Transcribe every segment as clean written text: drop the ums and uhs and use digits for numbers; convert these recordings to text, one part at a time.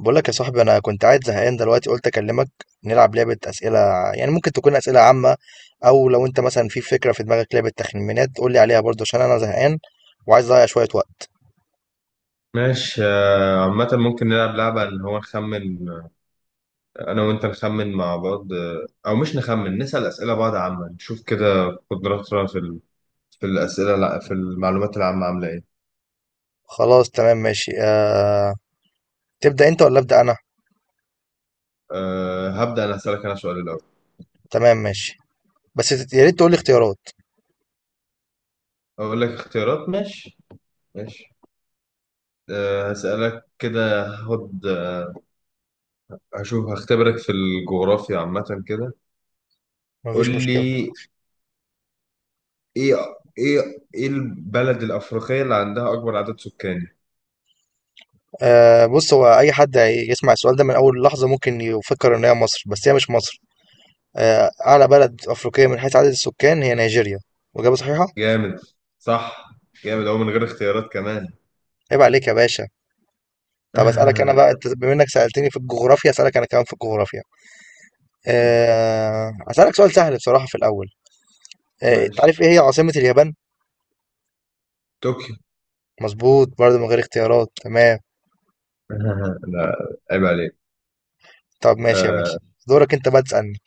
بقول لك يا صاحبي، انا كنت قاعد زهقان دلوقتي قلت اكلمك نلعب لعبه اسئله. يعني ممكن تكون اسئله عامه، او لو انت مثلا في فكره في دماغك لعبه تخمينات قول لي عليها برضه عشان انا زهقان وعايز اضيع شويه وقت. ماشي، عامة ممكن نلعب لعبة اللي هو نخمن. أنا وأنت نخمن مع بعض، أو مش نخمن، نسأل أسئلة بعض عامة نشوف كده قدراتنا في في الأسئلة، لا في المعلومات العامة عاملة إيه. خلاص تمام ماشي. تبدا انت ولا ابدا انا؟ هبدأ أنا، أسألك أنا سؤال الأول. تمام ماشي. بس يا ريت تقول لي اختيارات. أقول لك اختيارات، ماشي. ماشي، هسألك كده، هشوف، هختبرك في الجغرافيا عامة كده. قول مفيش مشكله. لي، إيه إيه إيه البلد الأفريقية اللي عندها أكبر عدد سكان؟ بص، هو اي حد يسمع السؤال ده من اول لحظه ممكن يفكر ان هي مصر، بس هي مش مصر. اعلى بلد افريقيه من حيث عدد السكان هي نيجيريا. واجابه صحيحه. جامد، صح، جامد أهو من غير اختيارات كمان. عيب عليك يا باشا. طب اسالك انا بقى، انت بما انك سالتني في الجغرافيا اسالك انا كمان في الجغرافيا. اسالك سؤال سهل بصراحه في الاول. ماشي. تعرف ايه هي عاصمه اليابان؟ طوكيو. مظبوط، برضه من غير اختيارات. تمام. لا، عيب عليك. طب ماشي يا آه ماشي، دورك انت بقى تسالني.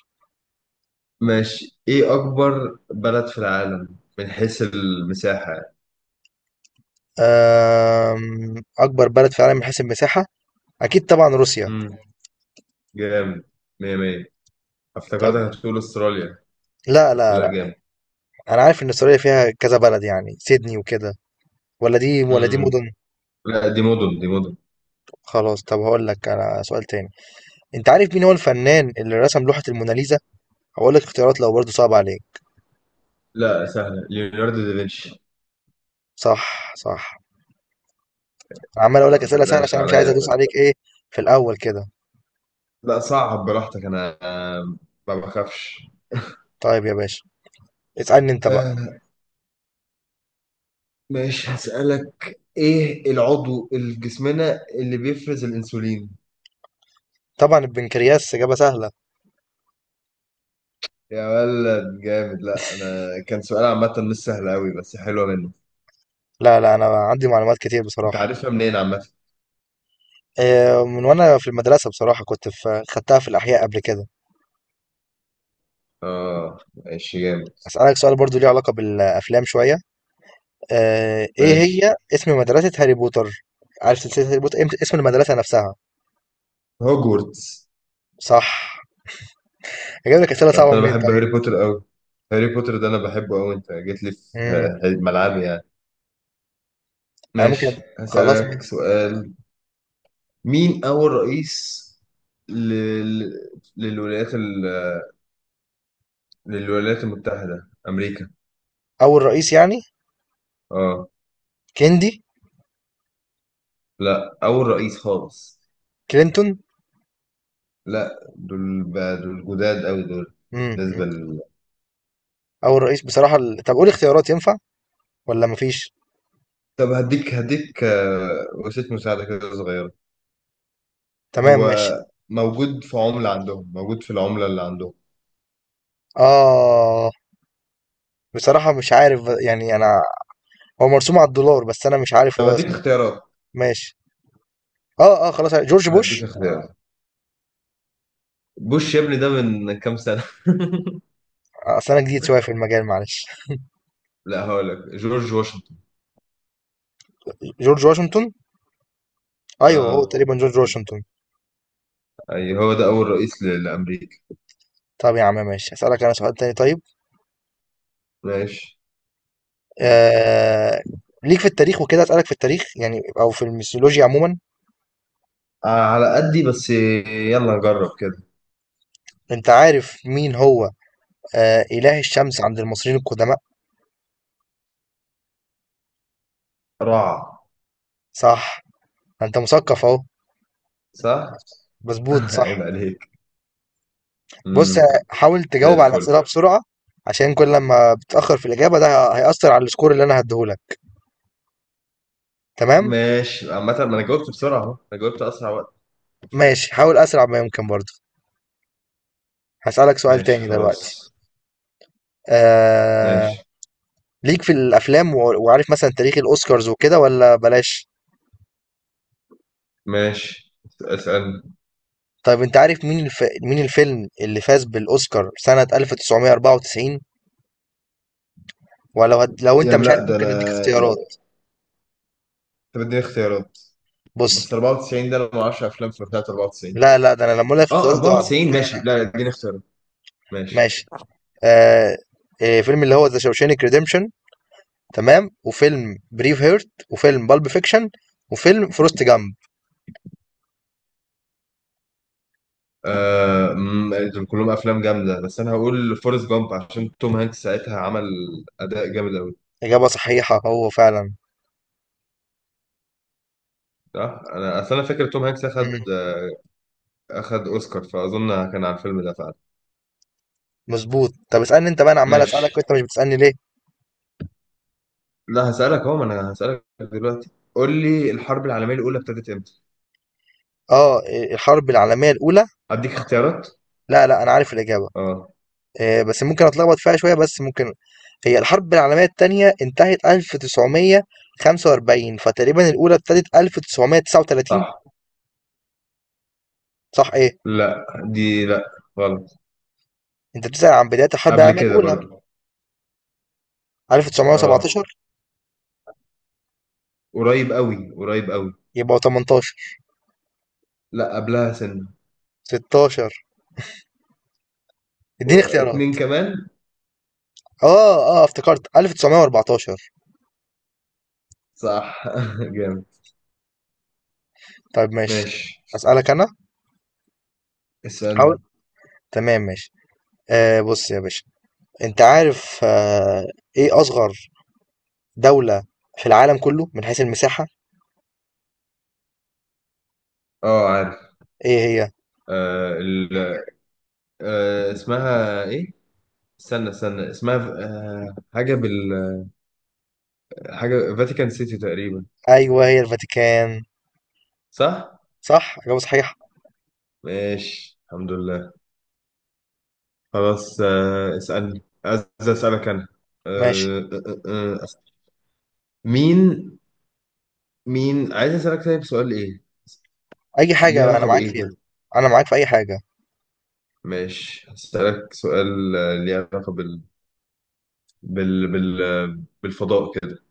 ماشي. إيه أكبر بلد في العالم من حيث المساحة يعني؟ أه... اكبر بلد في العالم من حيث المساحه اكيد طبعا روسيا. مم. جامد، مية مية. افتكرتك طب هتقول أستراليا. لا، بس لا، لا، لا، جامد. انا عارف ان استراليا فيها كذا بلد، يعني سيدني وكده، ولا دي ولا دي مم. مدن. لا، دي مدن دي مدن. خلاص طب هقول لك انا سؤال تاني. انت عارف مين هو الفنان اللي رسم لوحه الموناليزا؟ هقول لك اختيارات لو برضه صعب عليك. لا، سهلة، ليوناردو دافنشي. صح، صح. عمال اقول لا، لك ما اسئله سهله تقلقش عشان أنا مش عايز عليا. ادوس عليك ايه في الاول كده. لا، صعب براحتك. أنا ما بخافش. طيب يا باشا اسالني انت بقى. ماشي، هسألك ايه العضو الجسمنا اللي بيفرز الانسولين؟ طبعا البنكرياس، اجابه سهله. يا ولد، جامد. لا، انا كان سؤال عامة مش سهل قوي، بس حلوة منه. لا، لا، انا عندي معلومات كتير انت بصراحه. عارفها منين عامة؟ إيه، من وانا في المدرسه بصراحه كنت في خدتها في الاحياء قبل كده. اه، ماشي جامد. اسالك سؤال برضو ليه علاقه بالافلام شويه. ايه ماشي. هي اسم مدرسه هاري بوتر؟ عارف سلسله هاري بوتر، إيه اسم المدرسه نفسها؟ هوجورتس. صح. اجيب لك اسئله بس صعبه انا منين بحب طيب. هاري بوتر قوي. هاري بوتر ده انا بحبه قوي، انت جيت لي في امم ملعبي يعني. انا ممكن. ماشي، خلاص هسألك ماشي. سؤال. مين اول رئيس لل... للولايات للولايات المتحدة امريكا؟ اول رئيس يعني؟ اه. كيندي. لا، أول رئيس خالص. كلينتون. لا، دول بقى، دول جداد أوي دول. امم بالنسبة. أول رئيس بصراحة طب قول اختيارات ينفع ولا مفيش؟ طب، هديك وسيلة مساعدة كده صغيرة. تمام هو ماشي. موجود في عملة عندهم، موجود في العملة اللي عندهم. آه بصراحة مش عارف، يعني أنا، هو مرسوم على الدولار بس أنا مش عارف طب هو هديك اسمه. اختيارات. ماشي. خلاص جورج بوش. هديك اختيارات. بوش يا ابني ده من كام سنة! أصل أنا جديد شوية في المجال، معلش. لا، هقول لك جورج واشنطن. جورج واشنطن. أيوه هو اه، تقريبا جورج واشنطن. اي هو ده أول رئيس لأمريكا. طب يا عم ماشي أسألك أنا سؤال تاني طيب. ماشي، آه... ليك في التاريخ وكده، أسألك في التاريخ يعني أو في الميثولوجيا عموما. على قدي بس، يلا نجرب كده. أنت عارف مين هو إله الشمس عند المصريين القدماء؟ رعى. صح. أنت مثقف أهو. صح؟ مظبوط صح. عيب عليك. بص، امم. حاول زي تجاوب على الفل. الأسئلة بسرعة. عشان كل لما بتأخر في الإجابة ده هيأثر على السكور اللي أنا هديهولك. تمام؟ ماشي، عامة ما انا جاوبت بسرعة اهو، انا جاوبت اسرع وقت. ماشي، حاول أسرع ما يمكن برضه. هسألك سؤال ماشي، تاني دلوقتي. خلاص. ماشي، آه... ليك في الأفلام وعارف مثلا تاريخ الأوسكارز وكده ولا بلاش. ماشي، اسألني. طيب أنت عارف مين الفيلم اللي فاز بالأوسكار سنة 1994؟ لو أنت يعني مش لا، عارف ده انا. ممكن أديك اختيارات. طب اديني اختيارات. بص. بس 94 ده، انا ما اعرفش افلام في بتاعت 94. لا، لا، ده أنا لما أقول لك اه، اختيارات هتعرف. 94 ماشي. لا، اديني اختيارات. ماشي. ماشي. آه... فيلم اللي هو ذا شوشانك ريديمشن، تمام، وفيلم بريف هيرت، وفيلم بالب فيكشن، وفيلم فورست جامب. آه أمم، دول كلهم افلام جامدة، بس انا هقول فورست جامب عشان توم هانكس ساعتها عمل اداء جامد قوي. إجابة صحيحة، هو فعلا. صح. انا اصل انا فاكر توم هانكس اخد مم. آه، اخد اوسكار، فاظن كان على الفيلم ده فعلا. مظبوط. طب اسألني انت بقى، انا عمال اسألك ماشي. وانت مش بتسألني ليه؟ لا، هسألك اهو، ما انا هسألك دلوقتي. قول لي، الحرب العالمية الأولى ابتدت امتى؟ اه، إيه، الحرب العالمية الأولى. أديك اختيارات؟ لا، لا، انا عارف الإجابة. اه. إيه، بس ممكن اتلخبط فيها شوية، بس ممكن. هي الحرب العالمية التانية انتهت 1945 فتقريبا الأولى ابتدت 1939. صح. صح ايه؟ لا، دي، لا، غلط. انت بتسأل عن بداية الحرب قبل العالمية كده الأولى. برضو. اه، 1917. قريب قوي قريب قوي. يبقى 18. لا، قبلها سنة. 16. اديني اختيارات. اتنين كمان. اه افتكرت 1914. صح. جامد. طيب ماشي. ماشي، اسالك انا، حاول. اسألني. تمام ماشي. بص يا باشا، انت عارف، ايه اصغر دولة في العالم كله من حيث المساحة؟ اه، عارف. ايه هي؟ آه ال... آه اسمها ايه؟ استنى استنى اسمها. حاجة حاجة فاتيكان سيتي تقريبا. ايوه هي الفاتيكان. صح؟ صح، اجابة صحيحة. ماشي، الحمد لله. خلاص، اسألني، عايز أسألك أنا. ماشي. آه، آه، آه، آه. مين مين عايز أسألك، طيب سؤال إيه؟ اي حاجة ليه بقى انا علاقة معاك بإيه فيها، كده؟ انا معاك في اي حاجة. ماشي، هسألك سؤال ليه علاقة بالفضاء كده.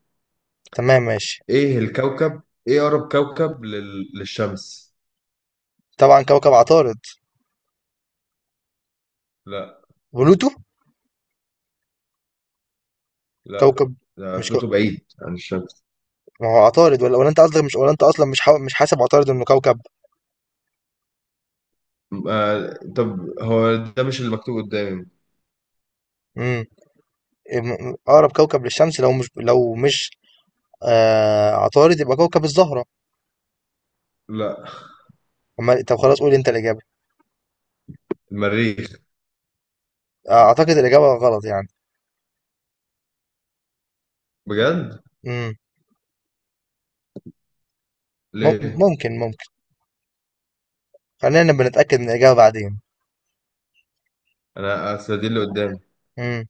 تمام ماشي. إيه الكوكب؟ إيه أقرب كوكب للشمس؟ طبعا كوكب عطارد. لا، بلوتو. لا، كوكب. ده مش كو... بلوتو بعيد عن الشمس. ما هو عطارد، ولا انت قصدك مش، ولا انت اصلا مش حاسب عطارد انه كوكب؟ طب هو ده مش اللي مكتوب قدامي. امم اقرب كوكب للشمس. لو مش عطارد يبقى كوكب الزهرة. لا، أمال طب خلاص، قول أنت الإجابة. المريخ. أعتقد الإجابة غلط يعني. بجد؟ مم. ليه؟ ممكن خلينا نبقى نتأكد من الإجابة بعدين. أنا أصل دي اللي قدامي. مم.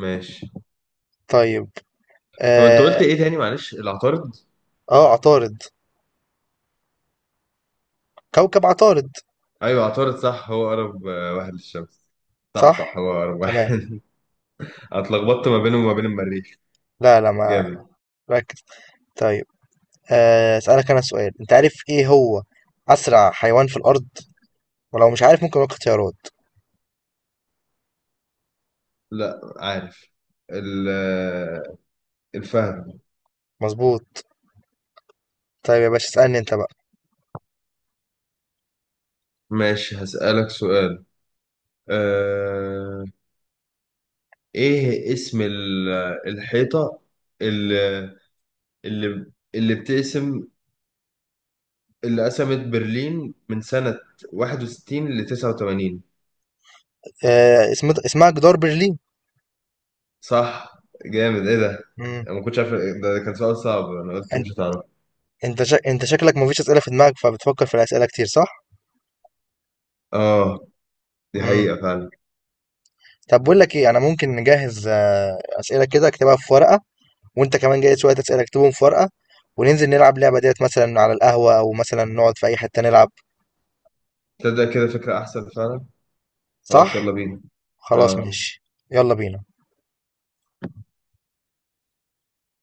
ماشي. طيب. هو انت قلت آه ايه تاني معلش، العطارد. عطارد. كوكب عطارد ايوه، عطارد صح، هو اقرب واحد للشمس. صح، صح. صح، هو اقرب تمام. واحد. أنا اتلخبطت ما بينه وما بين المريخ. لا، لا. ما جامد. ركز. طيب. أسألك أنا سؤال، أنت عارف إيه هو أسرع حيوان في الأرض؟ ولو مش عارف ممكن أقول اختيارات. لا، عارف. ال- آه، الفهد. مظبوط. طيب يا باشا اسألني أنت بقى. ماشي، هسألك سؤال. أه... ايه اسم الحيطة، اللي اللي بتقسم، اللي قسمت برلين من سنة 61 ل 89. اسمها جدار برلين. صح. جامد، ايه ده! مم. انا ما كنتش عارف، ده كان سؤال صعب. انا قلت مش هتعرف. أنت شكلك مفيش أسئلة في دماغك فبتفكر في الأسئلة كتير، صح؟ اه، دي امم حقيقة فعلا. طب بقول لك إيه، أنا ممكن نجهز أسئلة كده أكتبها في ورقة، وأنت كمان جايز شوية أسئلة أكتبهم في ورقة، وننزل نلعب لعبة ديت مثلا على القهوة أو مثلا نقعد في أي حتة نلعب، تبدأ كده فكرة أحسن فعلا. خلاص، يلا صح؟ بينا. خلاص اه ماشي، يلا بينا.